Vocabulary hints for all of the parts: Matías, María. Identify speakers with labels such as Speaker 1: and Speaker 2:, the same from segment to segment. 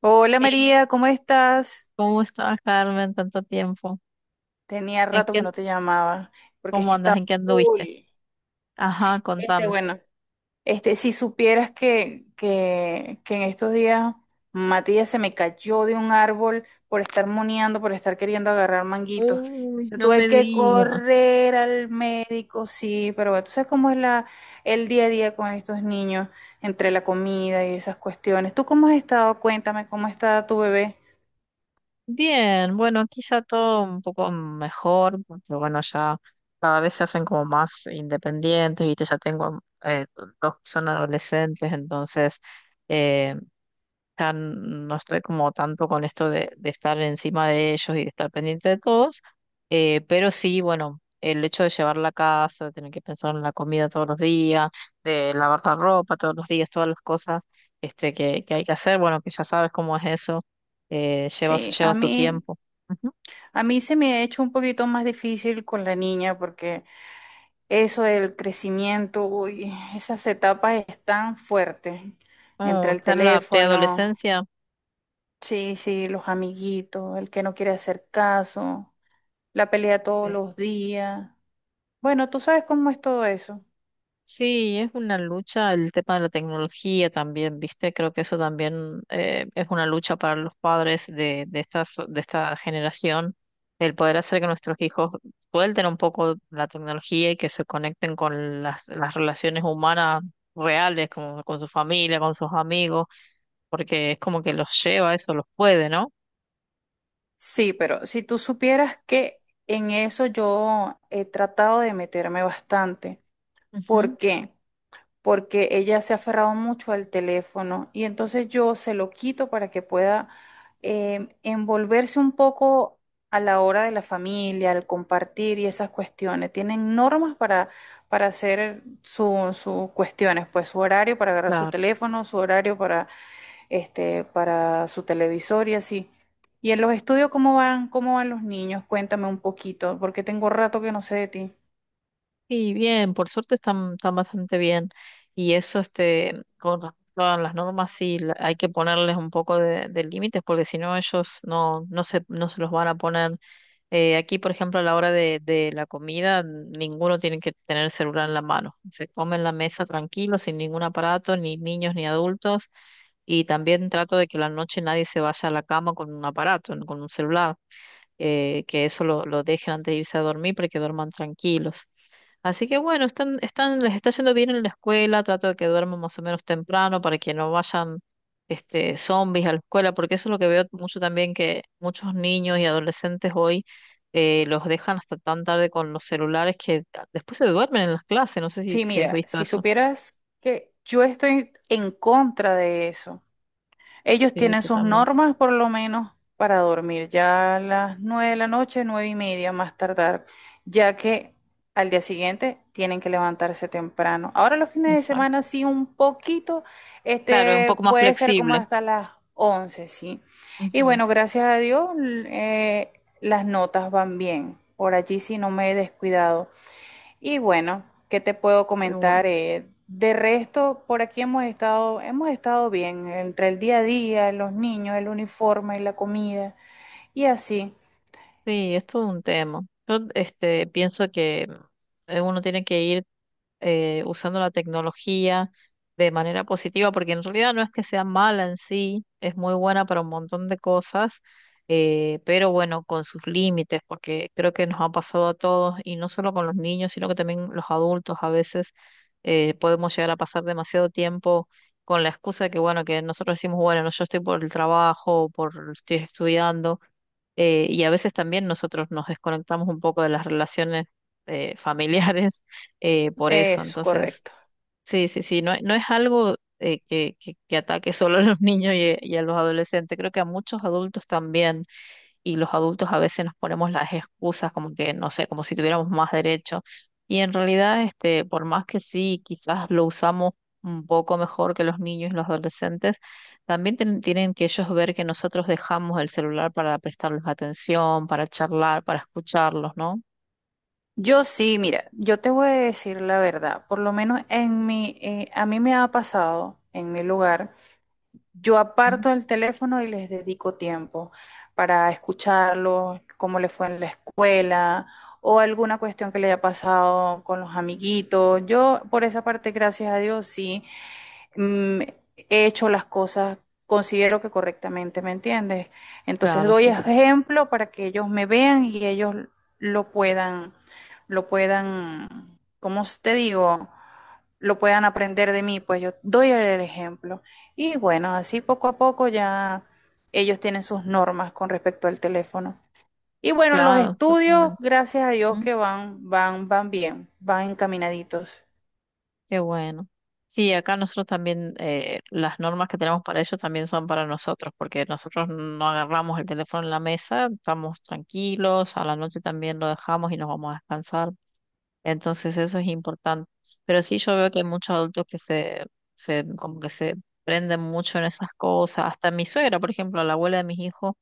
Speaker 1: Hola
Speaker 2: Sí,
Speaker 1: María, ¿cómo estás?
Speaker 2: ¿cómo estás, Carmen, tanto tiempo?
Speaker 1: Tenía
Speaker 2: ¿En
Speaker 1: rato que
Speaker 2: qué,
Speaker 1: no te llamaba, porque es
Speaker 2: cómo
Speaker 1: que
Speaker 2: andas?
Speaker 1: estaba
Speaker 2: ¿En qué
Speaker 1: full.
Speaker 2: anduviste? Ajá, contame.
Speaker 1: Bueno, si supieras que en estos días Matías se me cayó de un árbol por estar moneando, por estar queriendo agarrar manguitos.
Speaker 2: Uy, no
Speaker 1: Tuve
Speaker 2: me
Speaker 1: que
Speaker 2: digas.
Speaker 1: correr al médico, sí, pero bueno, tú sabes cómo es el día a día con estos niños, entre la comida y esas cuestiones. ¿Tú cómo has estado? Cuéntame, ¿cómo está tu bebé?
Speaker 2: Bien, bueno, aquí ya todo un poco mejor, porque bueno, ya cada vez se hacen como más independientes, ¿viste? Ya tengo dos que son adolescentes, entonces eh, sea, no estoy como tanto con esto de estar encima de ellos y de estar pendiente de todos, pero sí, bueno, el hecho de llevar la casa, de tener que pensar en la comida todos los días, de lavar la ropa todos los días, todas las cosas que hay que hacer, bueno, que ya sabes cómo es eso, lleva,
Speaker 1: Sí,
Speaker 2: lleva su tiempo. Ujú.
Speaker 1: a mí se me ha hecho un poquito más difícil con la niña porque eso del crecimiento, uy, esas etapas están fuertes.
Speaker 2: Oh,
Speaker 1: Entre el
Speaker 2: está en la
Speaker 1: teléfono,
Speaker 2: preadolescencia.
Speaker 1: sí, sí, los amiguitos, el que no quiere hacer caso, la pelea todos los días. Bueno, tú sabes cómo es todo eso.
Speaker 2: Sí, es una lucha el tema de la tecnología también, ¿viste? Creo que eso también es una lucha para los padres de esta, de esta generación, el poder hacer que nuestros hijos suelten un poco la tecnología y que se conecten con las relaciones humanas reales, con su familia, con sus amigos, porque es como que los lleva, eso los puede, ¿no?
Speaker 1: Sí, pero si tú supieras que en eso yo he tratado de meterme bastante.
Speaker 2: Ujú.
Speaker 1: ¿Por qué? Porque ella se ha aferrado mucho al teléfono y entonces yo se lo quito para que pueda envolverse un poco a la hora de la familia, al compartir y esas cuestiones. Tienen normas para hacer sus cuestiones, pues su horario para agarrar su teléfono, su horario para su televisor y así. ¿Y en los estudios cómo van los niños? Cuéntame un poquito, porque tengo rato que no sé de ti.
Speaker 2: Sí, bien, por suerte están, están bastante bien. Y eso, este, con respecto a las normas, sí, hay que ponerles un poco de límites, porque si no, ellos no, no se, no se los van a poner. Aquí, por ejemplo, a la hora de la comida, ninguno tiene que tener celular en la mano. Se come en la mesa tranquilo, sin ningún aparato, ni niños ni adultos. Y también trato de que la noche nadie se vaya a la cama con un aparato, con un celular. Que eso lo dejen antes de irse a dormir para que duerman tranquilos. Así que bueno, están, están, les está yendo bien en la escuela, trato de que duerman más o menos temprano para que no vayan zombies a la escuela, porque eso es lo que veo mucho también, que muchos niños y adolescentes hoy los dejan hasta tan tarde con los celulares que después se duermen en las clases, no sé si,
Speaker 1: Sí,
Speaker 2: si has
Speaker 1: mira,
Speaker 2: visto
Speaker 1: si
Speaker 2: eso.
Speaker 1: supieras que yo estoy en contra de eso. Ellos
Speaker 2: Sí,
Speaker 1: tienen sus
Speaker 2: totalmente.
Speaker 1: normas, por lo menos, para dormir ya a las nueve de la noche, nueve y media más tardar, ya que al día siguiente tienen que levantarse temprano. Ahora los fines de semana
Speaker 2: Exacto.
Speaker 1: sí un poquito,
Speaker 2: Claro, es un
Speaker 1: este
Speaker 2: poco más
Speaker 1: puede ser como
Speaker 2: flexible.
Speaker 1: hasta las once, sí. Y
Speaker 2: Ujú.
Speaker 1: bueno, gracias a Dios, eh, las notas van bien. Por allí sí no me he descuidado. Y bueno, ¿qué te puedo
Speaker 2: Qué
Speaker 1: comentar?
Speaker 2: bueno.
Speaker 1: De resto, por aquí hemos estado bien, entre el día a día, los niños, el uniforme, la comida, y así
Speaker 2: Sí, es todo un tema. Yo este, pienso que uno tiene que ir usando la tecnología de manera positiva, porque en realidad no es que sea mala en sí, es muy buena para un montón de cosas, pero bueno, con sus límites, porque creo que nos ha pasado a todos, y no solo con los niños, sino que también los adultos a veces podemos llegar a pasar demasiado tiempo con la excusa de que, bueno, que nosotros decimos, bueno, no, yo estoy por el trabajo, por estoy estudiando y a veces también nosotros nos desconectamos un poco de las relaciones familiares por eso.
Speaker 1: es
Speaker 2: Entonces,
Speaker 1: correcto.
Speaker 2: sí, sí, sí, no, no es algo que ataque solo a los niños y a los adolescentes, creo que a muchos adultos también y los adultos a veces nos ponemos las excusas como que, no sé, como si tuviéramos más derecho. Y en realidad, este, por más que sí, quizás lo usamos un poco mejor que los niños y los adolescentes, también tienen que ellos ver que nosotros dejamos el celular para prestarles atención, para charlar, para escucharlos, ¿no?
Speaker 1: Yo sí, mira, yo te voy a decir la verdad, por lo menos en mi, a mí me ha pasado en mi lugar. Yo
Speaker 2: Mm.
Speaker 1: aparto el teléfono y les dedico tiempo para escucharlos, cómo les fue en la escuela o alguna cuestión que le haya pasado con los amiguitos. Yo, por esa parte, gracias a Dios, sí, mm, he hecho las cosas, considero que correctamente, ¿me entiendes? Entonces
Speaker 2: Claro,
Speaker 1: doy
Speaker 2: sí, sí.
Speaker 1: ejemplo para que ellos me vean y ellos lo puedan, lo puedan, ¿cómo te digo? Lo puedan aprender de mí, pues yo doy el ejemplo. Y bueno, así poco a poco ya ellos tienen sus normas con respecto al teléfono. Y bueno, los
Speaker 2: Claro,
Speaker 1: estudios,
Speaker 2: totalmente.
Speaker 1: gracias a Dios que van, van bien, van encaminaditos.
Speaker 2: Qué bueno. Sí, acá nosotros también, las normas que tenemos para ellos también son para nosotros, porque nosotros no agarramos el teléfono en la mesa, estamos tranquilos, a la noche también lo dejamos y nos vamos a descansar. Entonces eso es importante. Pero sí yo veo que hay muchos adultos que se como que se prenden mucho en esas cosas. Hasta mi suegra, por ejemplo, la abuela de mis hijos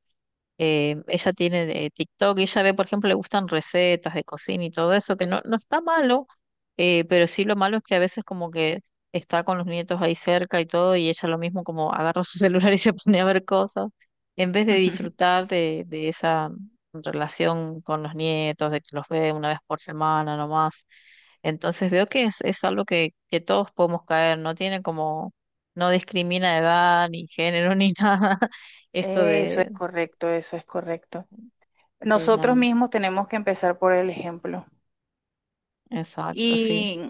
Speaker 2: ella tiene TikTok y ella ve, por ejemplo, le gustan recetas de cocina y todo eso, que no, no está malo, pero sí lo malo es que a veces como que está con los nietos ahí cerca y todo, y ella lo mismo como agarra su celular y se pone a ver cosas, en vez de disfrutar de esa relación con los nietos, de que los ve una vez por semana nomás. Entonces veo que es algo que todos podemos caer, no tiene como, no discrimina edad, ni género, ni nada, esto
Speaker 1: Eso es correcto, eso es correcto.
Speaker 2: de la.
Speaker 1: Nosotros mismos tenemos que empezar por el ejemplo.
Speaker 2: Exacto, sí.
Speaker 1: Y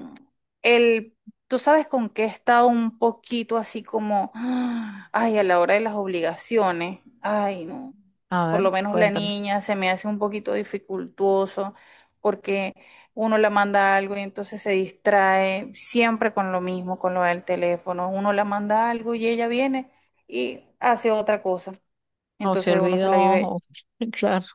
Speaker 1: el, tú sabes con qué he estado un poquito así como, ah, ay, a la hora de las obligaciones, ay, no,
Speaker 2: A
Speaker 1: por
Speaker 2: ver,
Speaker 1: lo menos la
Speaker 2: cuéntame.
Speaker 1: niña se me hace un poquito dificultuoso porque uno la manda algo y entonces se distrae siempre con lo mismo, con lo del teléfono, uno la manda algo y ella viene y hace otra cosa,
Speaker 2: O se
Speaker 1: entonces uno se
Speaker 2: olvidó,
Speaker 1: la vive.
Speaker 2: o... Claro.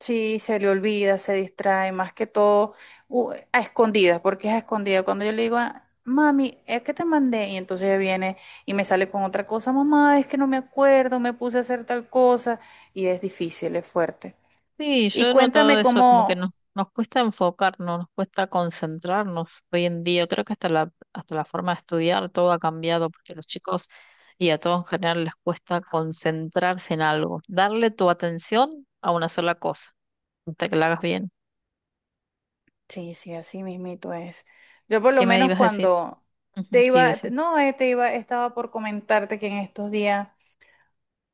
Speaker 1: Sí, se le olvida, se distrae, más que todo a escondidas, porque es a escondidas. Cuando yo le digo, "Ah, mami, es que te mandé", y entonces ella viene y me sale con otra cosa, mamá, es que no me acuerdo, me puse a hacer tal cosa, y es difícil, es fuerte.
Speaker 2: Sí, yo
Speaker 1: Y
Speaker 2: he notado
Speaker 1: cuéntame
Speaker 2: eso, como que
Speaker 1: cómo,
Speaker 2: nos, nos cuesta enfocarnos, nos cuesta concentrarnos hoy en día. Creo que hasta la forma de estudiar todo ha cambiado, porque los chicos y a todos en general les cuesta concentrarse en algo, darle tu atención a una sola cosa, hasta que la hagas bien.
Speaker 1: sí, sí, así mismito es. Yo por lo
Speaker 2: ¿Qué me
Speaker 1: menos
Speaker 2: ibas a decir?
Speaker 1: cuando
Speaker 2: Ujú,
Speaker 1: te
Speaker 2: sí,
Speaker 1: iba,
Speaker 2: decimos.
Speaker 1: no, te iba, estaba por comentarte que en estos días...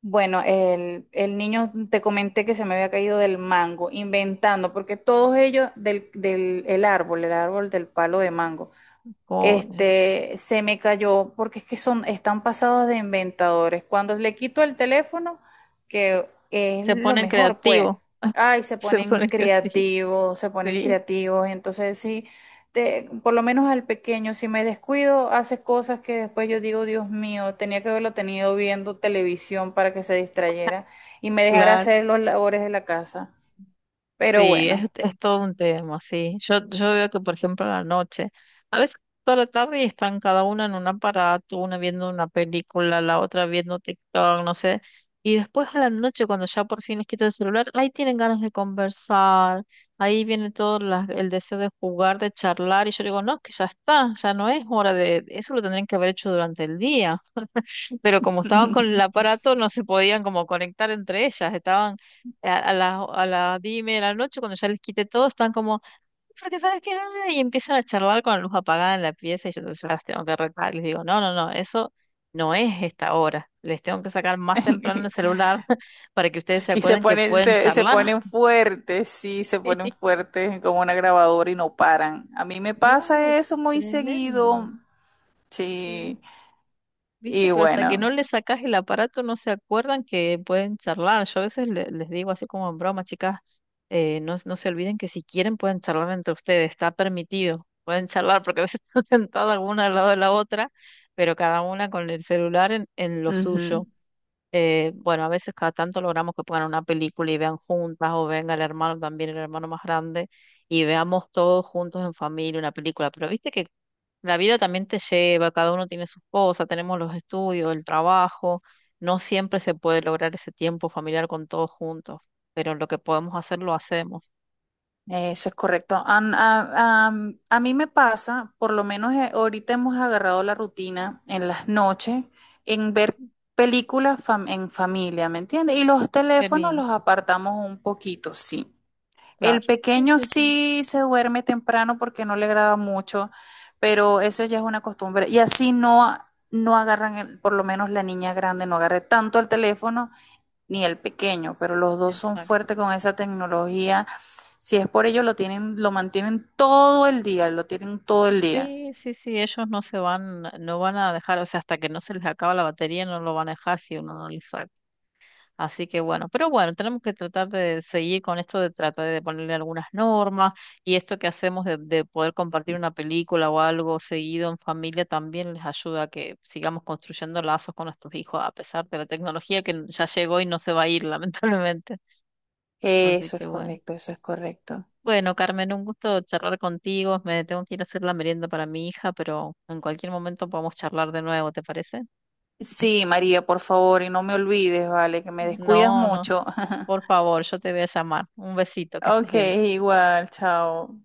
Speaker 1: Bueno, el niño te comenté que se me había caído del mango, inventando, porque todos ellos el árbol del palo de mango. Se me cayó porque es que son, están pasados de inventadores. Cuando le quito el teléfono, que es
Speaker 2: Se
Speaker 1: lo
Speaker 2: ponen
Speaker 1: mejor, pues.
Speaker 2: creativos,
Speaker 1: Ay, se
Speaker 2: se
Speaker 1: ponen
Speaker 2: ponen creativos.
Speaker 1: creativos, se ponen
Speaker 2: Sí,
Speaker 1: creativos. Entonces, sí, por lo menos al pequeño, si me descuido, hace cosas que después yo digo, Dios mío, tenía que haberlo tenido viendo televisión para que se distrayera y me dejara
Speaker 2: claro.
Speaker 1: hacer los labores de la casa. Pero
Speaker 2: Sí,
Speaker 1: bueno.
Speaker 2: es todo un tema, sí. Yo veo que, por ejemplo, a la noche, a veces toda la tarde y están cada una en un aparato, una viendo una película, la otra viendo TikTok, no sé. Y después a la noche, cuando ya por fin les quito el celular, ahí tienen ganas de conversar, ahí viene todo el deseo de jugar, de charlar, y yo digo, no, que ya está, ya no es hora de, eso lo tendrían que haber hecho durante el día, pero como estaban con el aparato, no se podían como conectar entre ellas. Estaban a las diez y media de la noche, cuando ya les quité todo, están como, porque sabes qué, no, ¿no?", y empiezan a charlar con la luz apagada en la pieza y yo entonces las tengo que retar. Les digo, no, no, no, eso no es esta hora. Les tengo que sacar más temprano el celular para que ustedes se
Speaker 1: Y se
Speaker 2: acuerden que
Speaker 1: ponen,
Speaker 2: pueden
Speaker 1: se
Speaker 2: charlar.
Speaker 1: ponen fuertes, sí, se ponen fuertes como una grabadora y no paran. A mí me
Speaker 2: No,
Speaker 1: pasa eso muy
Speaker 2: tremendo.
Speaker 1: seguido,
Speaker 2: Sí.
Speaker 1: sí.
Speaker 2: ¿Viste?
Speaker 1: Y
Speaker 2: Pero hasta que no
Speaker 1: bueno,
Speaker 2: le sacas el aparato no se acuerdan que pueden charlar. Yo a veces les digo así como en broma, chicas, no, no se olviden que si quieren pueden charlar entre ustedes, está permitido. Pueden charlar porque a veces están sentadas una al lado de la otra, pero cada una con el celular en lo
Speaker 1: ujú,
Speaker 2: suyo. Bueno, a veces cada tanto logramos que pongan una película y vean juntas o venga el hermano también, el hermano más grande, y veamos todos juntos en familia una película. Pero viste que la vida también te lleva, cada uno tiene sus cosas, tenemos los estudios, el trabajo, no siempre se puede lograr ese tiempo familiar con todos juntos, pero lo que podemos hacer lo hacemos.
Speaker 1: eso es correcto. A mí me pasa, por lo menos ahorita hemos agarrado la rutina en las noches, en ver en familia, ¿me entiendes? Y los
Speaker 2: Qué
Speaker 1: teléfonos
Speaker 2: lindo,
Speaker 1: los apartamos un poquito, sí. El
Speaker 2: claro. Sí,
Speaker 1: pequeño
Speaker 2: sí, sí.
Speaker 1: sí se duerme temprano porque no le agrada mucho, pero eso ya es una costumbre. Y así no, no agarran, por lo menos la niña grande no agarre tanto el teléfono ni el pequeño, pero los dos son
Speaker 2: Exacto.
Speaker 1: fuertes con esa tecnología. Si es por ello, lo tienen, lo mantienen todo el día, lo tienen todo el día.
Speaker 2: Sí, sí, sí, ellos no se van, no van a dejar, o sea, hasta que no se les acaba la batería no lo van a dejar si uno no les. Así que bueno, pero bueno, tenemos que tratar de seguir con esto de tratar de ponerle algunas normas y esto que hacemos de poder compartir una película o algo seguido en familia también les ayuda a que sigamos construyendo lazos con nuestros hijos a pesar de la tecnología que ya llegó y no se va a ir lamentablemente. Así
Speaker 1: Eso es
Speaker 2: que bueno.
Speaker 1: correcto, eso es correcto.
Speaker 2: Bueno, Carmen, un gusto charlar contigo. Me tengo que ir a hacer la merienda para mi hija, pero en cualquier momento podemos charlar de nuevo, ¿te parece?
Speaker 1: Sí, María, por favor, y no me olvides, vale, que me descuidas
Speaker 2: No, no.
Speaker 1: mucho.
Speaker 2: Por favor, yo te voy a llamar. Un besito, que estés
Speaker 1: Ok,
Speaker 2: bien.
Speaker 1: igual, chao.